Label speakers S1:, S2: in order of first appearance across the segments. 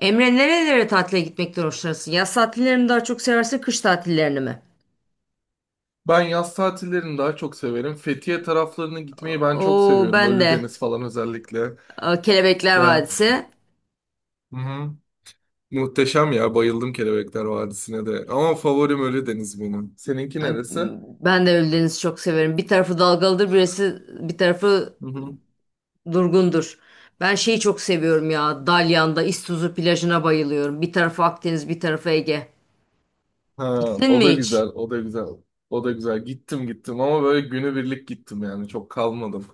S1: Emre nerelere tatile gitmekten hoşlanırsın? Yaz tatillerini mi daha çok seversin, kış tatillerini mi?
S2: Ben yaz tatillerini daha çok severim. Fethiye taraflarına gitmeyi ben çok
S1: Oo
S2: seviyorum.
S1: ben de
S2: Ölüdeniz falan özellikle.
S1: Kelebekler
S2: Yani
S1: Vadisi.
S2: hı hı. Muhteşem ya. Bayıldım Kelebekler Vadisi'ne de. Ama favorim Ölüdeniz benim. Seninki
S1: E,
S2: neresi? Hı
S1: Ben de Ölüdeniz'i çok severim. Bir tarafı dalgalıdır, birisi bir tarafı
S2: hı.
S1: durgundur. Ben şeyi çok seviyorum ya. Dalyan'da İztuzu plajına bayılıyorum. Bir tarafı Akdeniz, bir tarafı Ege.
S2: Ha,
S1: Gittin
S2: o
S1: mi
S2: da
S1: hiç?
S2: güzel, o da güzel. O da güzel. Gittim ama böyle günübirlik gittim yani. Çok kalmadım.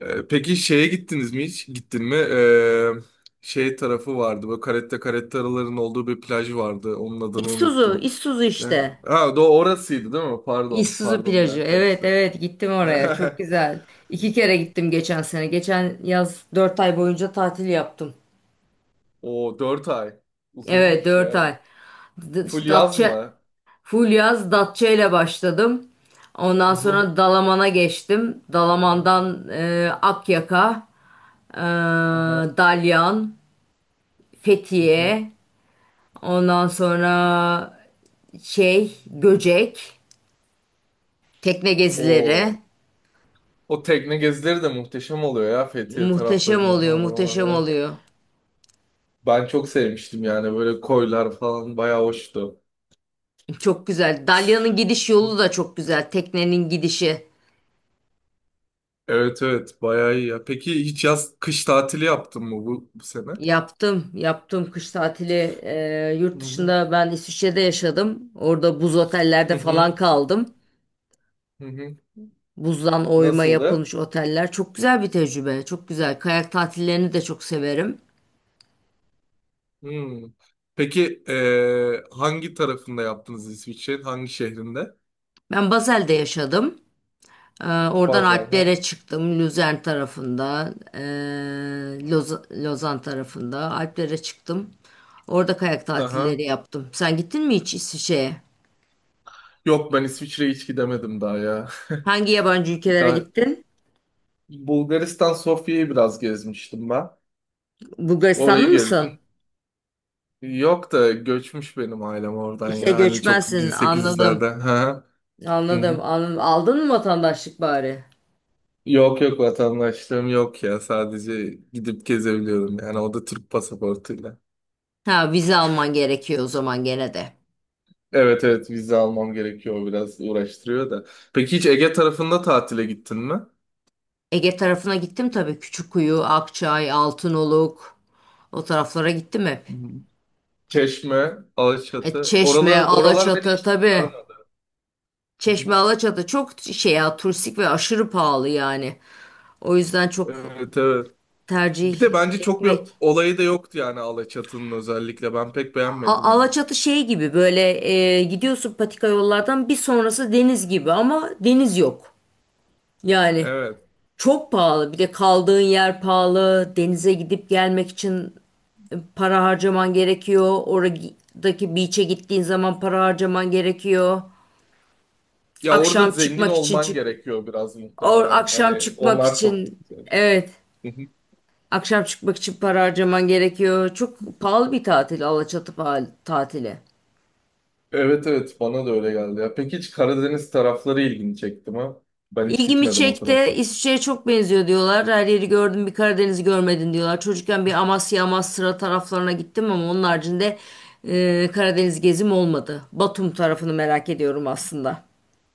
S2: Peki şeye gittiniz mi hiç? Gittin mi? Şey tarafı vardı. Böyle caretta carettaların olduğu bir plaj vardı. Onun adını
S1: İztuzu,
S2: unuttum.
S1: İztuzu
S2: Ne?
S1: işte.
S2: Ha, do orasıydı değil mi? Pardon.
S1: İztuzu
S2: Pardon bir
S1: plajı.
S2: an
S1: Evet
S2: karıştırdım.
S1: evet, gittim oraya. Çok güzel. İki kere gittim geçen sene. Geçen yaz dört ay boyunca tatil yaptım.
S2: O 4 ay.
S1: Evet,
S2: Uzunmuş
S1: dört
S2: ya.
S1: ay.
S2: Full
S1: İşte
S2: yaz
S1: Datça,
S2: mı?
S1: full yaz Datça ile başladım.
S2: Hı
S1: Ondan
S2: hı.
S1: sonra Dalaman'a geçtim. Dalaman'dan Akyaka, e,
S2: Aha.
S1: Dalyan,
S2: Hı hı.
S1: Fethiye, ondan sonra şey Göcek, tekne gezileri.
S2: O o tekne gezileri de muhteşem oluyor ya Fethiye
S1: Muhteşem
S2: taraflarında
S1: oluyor,
S2: falan
S1: muhteşem
S2: oralarda.
S1: oluyor.
S2: Ben çok sevmiştim yani böyle koylar falan bayağı hoştu.
S1: Çok güzel. Dalyan'ın gidiş yolu da çok güzel. Teknenin gidişi.
S2: Evet evet bayağı iyi ya. Peki hiç yaz kış tatili yaptın mı bu sene?
S1: Yaptım. Yaptım kış tatili.
S2: Hı
S1: Yurt
S2: hı.
S1: dışında ben İsviçre'de yaşadım. Orada buz
S2: Hı
S1: otellerde
S2: hı.
S1: falan kaldım.
S2: Hı hı.
S1: Buzdan oyma
S2: Nasıldı?
S1: yapılmış oteller. Çok güzel bir tecrübe. Çok güzel. Kayak tatillerini de çok severim.
S2: Hmm. Peki hangi tarafında yaptınız İsviçre'nin? Hangi şehrinde?
S1: Ben Basel'de yaşadım. Oradan
S2: Bazen ha.
S1: Alplere çıktım. Luzern tarafında. Lozan tarafında. Alplere çıktım. Orada kayak
S2: Aha.
S1: tatilleri yaptım. Sen gittin mi hiç İsviçre'ye?
S2: Yok ben İsviçre'ye hiç gidemedim daha ya.
S1: Hangi yabancı ülkelere
S2: Daha
S1: gittin?
S2: Bulgaristan Sofya'yı biraz gezmiştim ben.
S1: Bulgaristanlı
S2: Orayı
S1: mısın?
S2: gezdim. Yok da göçmüş benim ailem oradan
S1: İşte
S2: ya. Hani çok
S1: göçmensin. Anladım.
S2: 1800'lerden. Ha. Hı
S1: Anladım.
S2: hı.
S1: Anladım. Aldın mı vatandaşlık bari?
S2: Yok yok vatandaşlığım yok ya. Sadece gidip gezebiliyorum yani. O da Türk pasaportuyla.
S1: Ha, vize alman gerekiyor o zaman gene de.
S2: Evet evet vize almam gerekiyor. O biraz uğraştırıyor da. Peki hiç Ege tarafında tatile gittin mi? Hı
S1: Ege tarafına gittim tabii. Küçükkuyu, Akçay, Altınoluk. O taraflara gittim hep.
S2: hı. Çeşme, Alaçatı.
S1: Çeşme,
S2: Oralar beni
S1: Alaçatı
S2: hiç
S1: tabii.
S2: sarmadı.
S1: Çeşme, Alaçatı çok şey ya, turistik ve aşırı pahalı yani. O yüzden çok
S2: Evet evet. Bir de
S1: tercih
S2: bence çok bir
S1: etmek
S2: olayı da yoktu yani Alaçatı'nın özellikle. Ben pek beğenmedim onu.
S1: Alaçatı şey gibi, böyle gidiyorsun patika yollardan, bir sonrası deniz gibi ama deniz yok. Yani
S2: Evet.
S1: çok pahalı, bir de kaldığın yer pahalı, denize gidip gelmek için para harcaman gerekiyor. Oradaki beach'e gittiğin zaman para harcaman gerekiyor.
S2: Ya orada
S1: Akşam
S2: zengin
S1: çıkmak için
S2: olman
S1: çık
S2: gerekiyor biraz
S1: or
S2: muhtemelen.
S1: akşam
S2: Hani
S1: çıkmak
S2: onlar çok
S1: için
S2: güzel.
S1: evet akşam çıkmak için para harcaman gerekiyor. Çok pahalı bir tatil Alaçatı tatili.
S2: Evet evet bana da öyle geldi ya. Peki hiç Karadeniz tarafları ilgini çekti mi? Ben hiç
S1: İlgimi
S2: gitmedim o
S1: çekti.
S2: tarafa.
S1: İsviçre'ye çok benziyor diyorlar. Her yeri gördüm, bir Karadeniz'i görmedin diyorlar. Çocukken bir Amasya, Amasra taraflarına gittim ama onun haricinde Karadeniz gezim olmadı. Batum tarafını merak ediyorum aslında.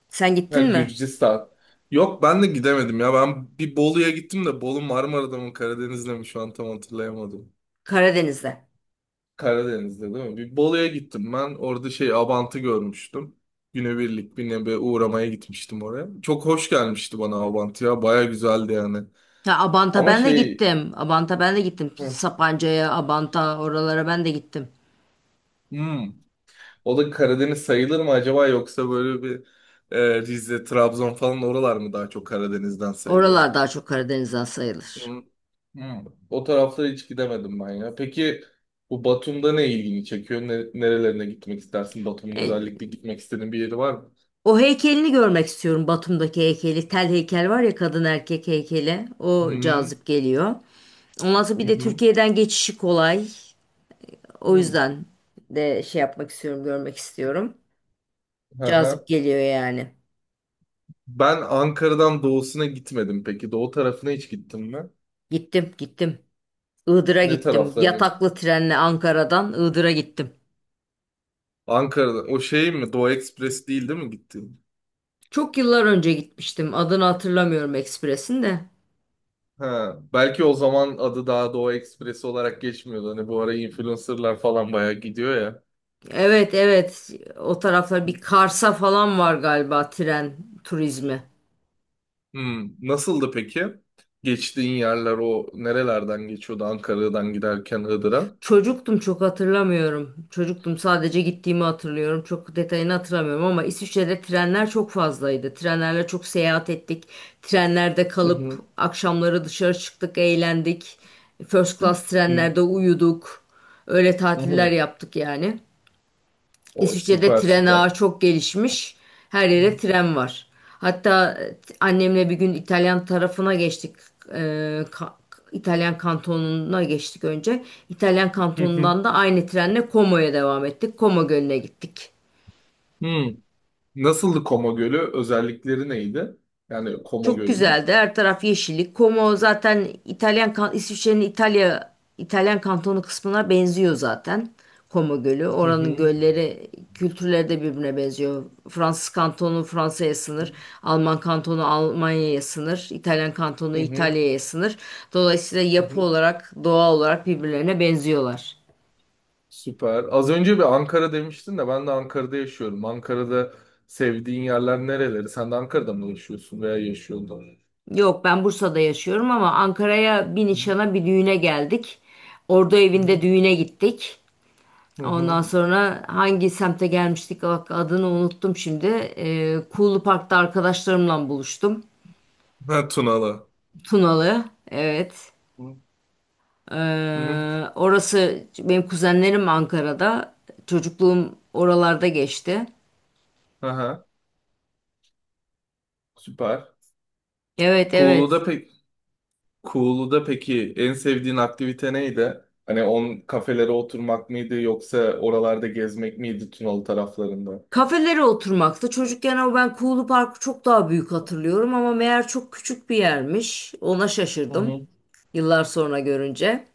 S1: Sen
S2: Ha
S1: gittin mi?
S2: Gürcistan. Yok ben de gidemedim ya. Ben bir Bolu'ya gittim de Bolu Marmara'da mı Karadeniz'de mi şu an tam hatırlayamadım.
S1: Karadeniz'de.
S2: Karadeniz'de değil mi? Bir Bolu'ya gittim ben. Orada şey Abant'ı görmüştüm. Günübirlik bir nebe uğramaya gitmiştim oraya. Çok hoş gelmişti bana Abant ya. Baya güzeldi yani.
S1: Ya Abant'a
S2: Ama
S1: ben de
S2: şey...
S1: gittim. Abant'a ben de gittim.
S2: Hı.
S1: Sapanca'ya, Abant'a oralara ben de gittim.
S2: Hmm. O da Karadeniz sayılır mı acaba yoksa böyle bir Rize, Trabzon falan oralar mı daha çok Karadeniz'den sayılır?
S1: Oralar daha çok Karadeniz'den sayılır.
S2: Hı, hı. O taraflara hiç gidemedim ben ya. Peki bu Batum'da ne ilgini çekiyor? Ne, nerelerine gitmek istersin? Batum'un
S1: E,
S2: özellikle gitmek istediğin bir yeri var mı?
S1: O heykelini görmek istiyorum. Batum'daki heykeli. Tel heykel var ya, kadın erkek heykeli. O cazip geliyor. Ondan sonra
S2: Hı
S1: bir de
S2: hı.
S1: Türkiye'den geçişi kolay.
S2: hı.
S1: O
S2: Hı.
S1: yüzden de şey yapmak istiyorum, görmek istiyorum.
S2: Hı
S1: Cazip
S2: hı.
S1: geliyor yani.
S2: Ben Ankara'dan doğusuna gitmedim peki. Doğu tarafına hiç gittin mi?
S1: Gittim, gittim. Iğdır'a
S2: Ne
S1: gittim.
S2: taraflarına?
S1: Yataklı trenle Ankara'dan Iğdır'a gittim.
S2: Ankara'dan. O şey mi? Doğu Ekspresi değil mi gittin?
S1: Çok yıllar önce gitmiştim. Adını hatırlamıyorum ekspresin de.
S2: Ha, belki o zaman adı daha Doğu Ekspresi olarak geçmiyordu. Hani bu ara influencerlar falan bayağı gidiyor ya.
S1: Evet, evet. O taraflar bir Kars'a falan var galiba tren turizmi.
S2: Hmm, nasıldı peki? Geçtiğin yerler o nerelerden geçiyordu? Ankara'dan giderken Iğdır'a.
S1: Çocuktum, çok hatırlamıyorum. Çocuktum, sadece gittiğimi hatırlıyorum. Çok detayını hatırlamıyorum ama İsviçre'de trenler çok fazlaydı. Trenlerle çok seyahat ettik. Trenlerde
S2: Hı
S1: kalıp
S2: hı.
S1: akşamları dışarı çıktık, eğlendik. First class trenlerde uyuduk. Öyle
S2: Hı
S1: tatiller
S2: hı.
S1: yaptık yani.
S2: O
S1: İsviçre'de
S2: süper
S1: tren
S2: süper.
S1: ağı çok gelişmiş. Her yere tren var. Hatta annemle bir gün İtalyan tarafına geçtik. E, ka- İtalyan kantonuna geçtik önce. İtalyan
S2: Hı hı.
S1: kantonundan da aynı trenle Como'ya devam ettik. Como Gölü'ne gittik.
S2: Hmm. Nasıldı Koma Gölü? Özellikleri neydi? Yani Koma
S1: Çok
S2: Gölü'nün.
S1: güzeldi. Her taraf yeşillik. Como zaten İtalyan İsviçre'nin İtalya İtalyan kantonu kısmına benziyor zaten. Como Gölü.
S2: Hı
S1: Oranın
S2: hı.
S1: gölleri, kültürleri de birbirine benziyor. Fransız kantonu Fransa'ya sınır, Alman kantonu Almanya'ya sınır, İtalyan kantonu
S2: Hı hı.
S1: İtalya'ya sınır. Dolayısıyla
S2: Hı hı.
S1: yapı olarak, doğa olarak birbirlerine benziyorlar.
S2: Süper. Az önce bir Ankara demiştin de ben de Ankara'da yaşıyorum. Ankara'da sevdiğin yerler nereleri? Sen de Ankara'da mı yaşıyorsun veya yaşıyordun?
S1: Yok, ben Bursa'da yaşıyorum ama Ankara'ya bir
S2: Hı
S1: nişana, bir düğüne geldik. Ordu evinde
S2: hı.
S1: düğüne gittik.
S2: Hı hı.
S1: Ondan sonra hangi semte gelmiştik, bak adını unuttum şimdi. Kuğulu Park'ta arkadaşlarımla buluştum.
S2: Ha, Tunalı.
S1: Tunalı. Evet.
S2: Hı hı.
S1: Orası benim, kuzenlerim Ankara'da. Çocukluğum oralarda geçti.
S2: Aha, süper.
S1: Evet, evet.
S2: Kuğulu'da pek Kuğulu'da peki en sevdiğin aktivite neydi? Hani on kafelere oturmak mıydı yoksa oralarda gezmek miydi Tunalı taraflarında?
S1: Kafelere oturmakta. Çocukken o ben Kuğulu Park'ı çok daha büyük hatırlıyorum ama meğer çok küçük bir yermiş. Ona
S2: Hı
S1: şaşırdım
S2: hı.
S1: yıllar sonra görünce.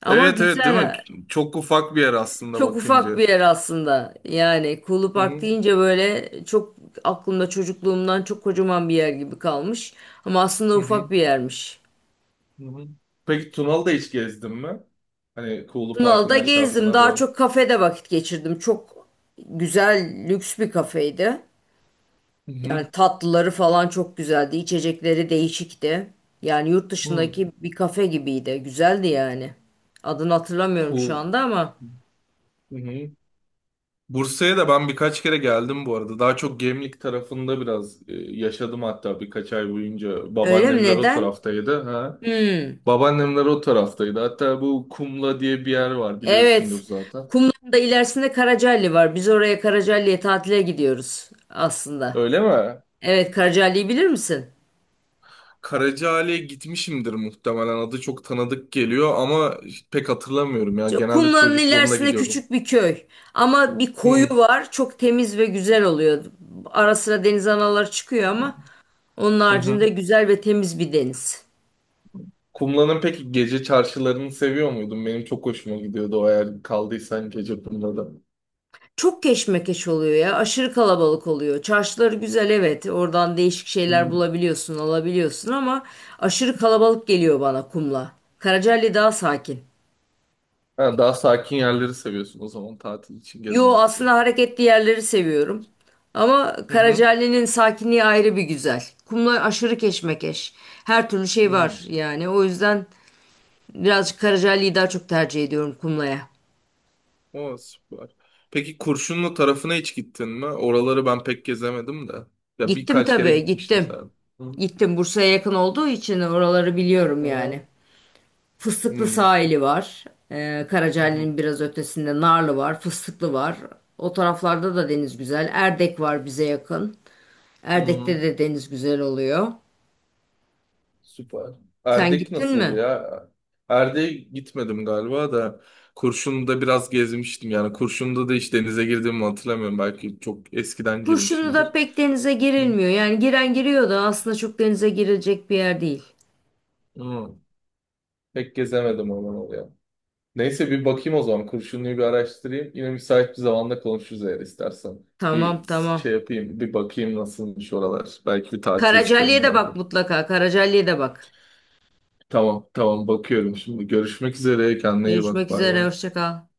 S1: Ama
S2: Evet evet değil mi?
S1: güzel.
S2: Çok ufak bir yer aslında
S1: Çok ufak
S2: bakınca.
S1: bir yer aslında. Yani Kuğulu
S2: Hı
S1: Park
S2: hı.
S1: deyince böyle çok aklımda çocukluğumdan çok kocaman bir yer gibi kalmış. Ama aslında
S2: Hı hı.
S1: ufak bir yermiş.
S2: Hı hı. Peki Tunalı'da hiç gezdin mi? Hani Kuğulu Park'ın
S1: Tunalı'da gezdim.
S2: aşağısına
S1: Daha
S2: doğru.
S1: çok kafede vakit geçirdim. Çok güzel, lüks bir kafeydi.
S2: Hı hı.
S1: Yani tatlıları falan çok güzeldi. İçecekleri değişikti. Yani yurt
S2: Hı.
S1: dışındaki bir kafe gibiydi. Güzeldi yani. Adını hatırlamıyorum şu
S2: Kuğu...
S1: anda ama.
S2: Hı hı. Bursa'ya da ben birkaç kere geldim bu arada. Daha çok Gemlik tarafında biraz yaşadım hatta birkaç ay boyunca.
S1: Öyle mi?
S2: Babaannemler o
S1: Neden?
S2: taraftaydı. Ha.
S1: Hmm.
S2: Babaannemler o taraftaydı. Hatta bu Kumla diye bir yer var biliyorsundur
S1: Evet.
S2: zaten.
S1: Kumla'nın da ilerisinde Karacaali var. Biz oraya, Karacaali'ye tatile gidiyoruz aslında.
S2: Öyle mi?
S1: Evet, Karacaali'yi bilir misin?
S2: Karacaali'ye gitmişimdir muhtemelen. Adı çok tanıdık geliyor ama pek hatırlamıyorum ya. Genelde
S1: Kumla'nın
S2: çocukluğumda
S1: ilerisinde
S2: gidiyordum.
S1: küçük bir köy. Ama bir koyu var. Çok temiz ve güzel oluyor. Ara sıra deniz anaları çıkıyor
S2: Hı.
S1: ama onun
S2: Hı hı.
S1: haricinde güzel ve temiz bir deniz.
S2: Kumla'nın peki gece çarşılarını seviyor muydun? Benim çok hoşuma gidiyordu o eğer kaldıysan gece Kumla'da.
S1: Çok keşmekeş oluyor ya. Aşırı kalabalık oluyor. Çarşıları güzel, evet. Oradan değişik
S2: Hı hı.
S1: şeyler bulabiliyorsun, alabiliyorsun ama aşırı kalabalık geliyor bana Kumla. Karacaali daha sakin.
S2: Ha, daha sakin yerleri seviyorsun o zaman tatil için,
S1: Yo,
S2: gezmek
S1: aslında
S2: için.
S1: hareketli yerleri seviyorum. Ama
S2: Hı hı.
S1: Karacaali'nin sakinliği ayrı bir güzel. Kumlar aşırı keşmekeş. Her türlü şey
S2: Hı.
S1: var yani. O yüzden birazcık Karacaali'yi daha çok tercih ediyorum Kumla'ya.
S2: O süper. Peki Kurşunlu tarafına hiç gittin mi? Oraları ben pek gezemedim de. Ya
S1: Gittim
S2: birkaç kere
S1: tabii,
S2: gitmiştim
S1: gittim.
S2: sen. Hı hı.
S1: Gittim, Bursa'ya yakın olduğu için oraları biliyorum
S2: Hı
S1: yani.
S2: hı.
S1: Fıstıklı
S2: Hı
S1: sahili var.
S2: hı.
S1: Karacaali'nin biraz ötesinde Narlı var. Fıstıklı var. O taraflarda da deniz güzel. Erdek var bize yakın.
S2: Hı hı.
S1: Erdek'te de deniz güzel oluyor.
S2: Süper.
S1: Sen
S2: Erdek
S1: gittin
S2: nasıldı
S1: mi?
S2: ya? Erdek'e gitmedim galiba da Kurşun'da biraz gezmiştim yani. Kurşun'da da hiç denize girdiğimi hatırlamıyorum. Belki çok eskiden
S1: Kurşunu da
S2: girmişimdir.
S1: pek denize
S2: Hı.
S1: girilmiyor. Yani giren giriyor da aslında çok denize girilecek bir yer değil.
S2: Hı. Pek gezemedim aman oluyor. Neyse bir bakayım o zaman. Kurşunlu'yu bir araştırayım. Yine müsait bir zamanda konuşuruz eğer istersen.
S1: Tamam,
S2: Bir
S1: tamam.
S2: şey yapayım, bir bakayım nasılmış oralar. Belki bir tatile
S1: Karacaali'ye
S2: çıkarım
S1: de
S2: ben de.
S1: bak mutlaka. Karacaali'ye de bak.
S2: Tamam, tamam bakıyorum şimdi. Görüşmek üzere. Kendine iyi bak.
S1: Görüşmek
S2: Bay
S1: üzere.
S2: bay.
S1: Hoşça kal.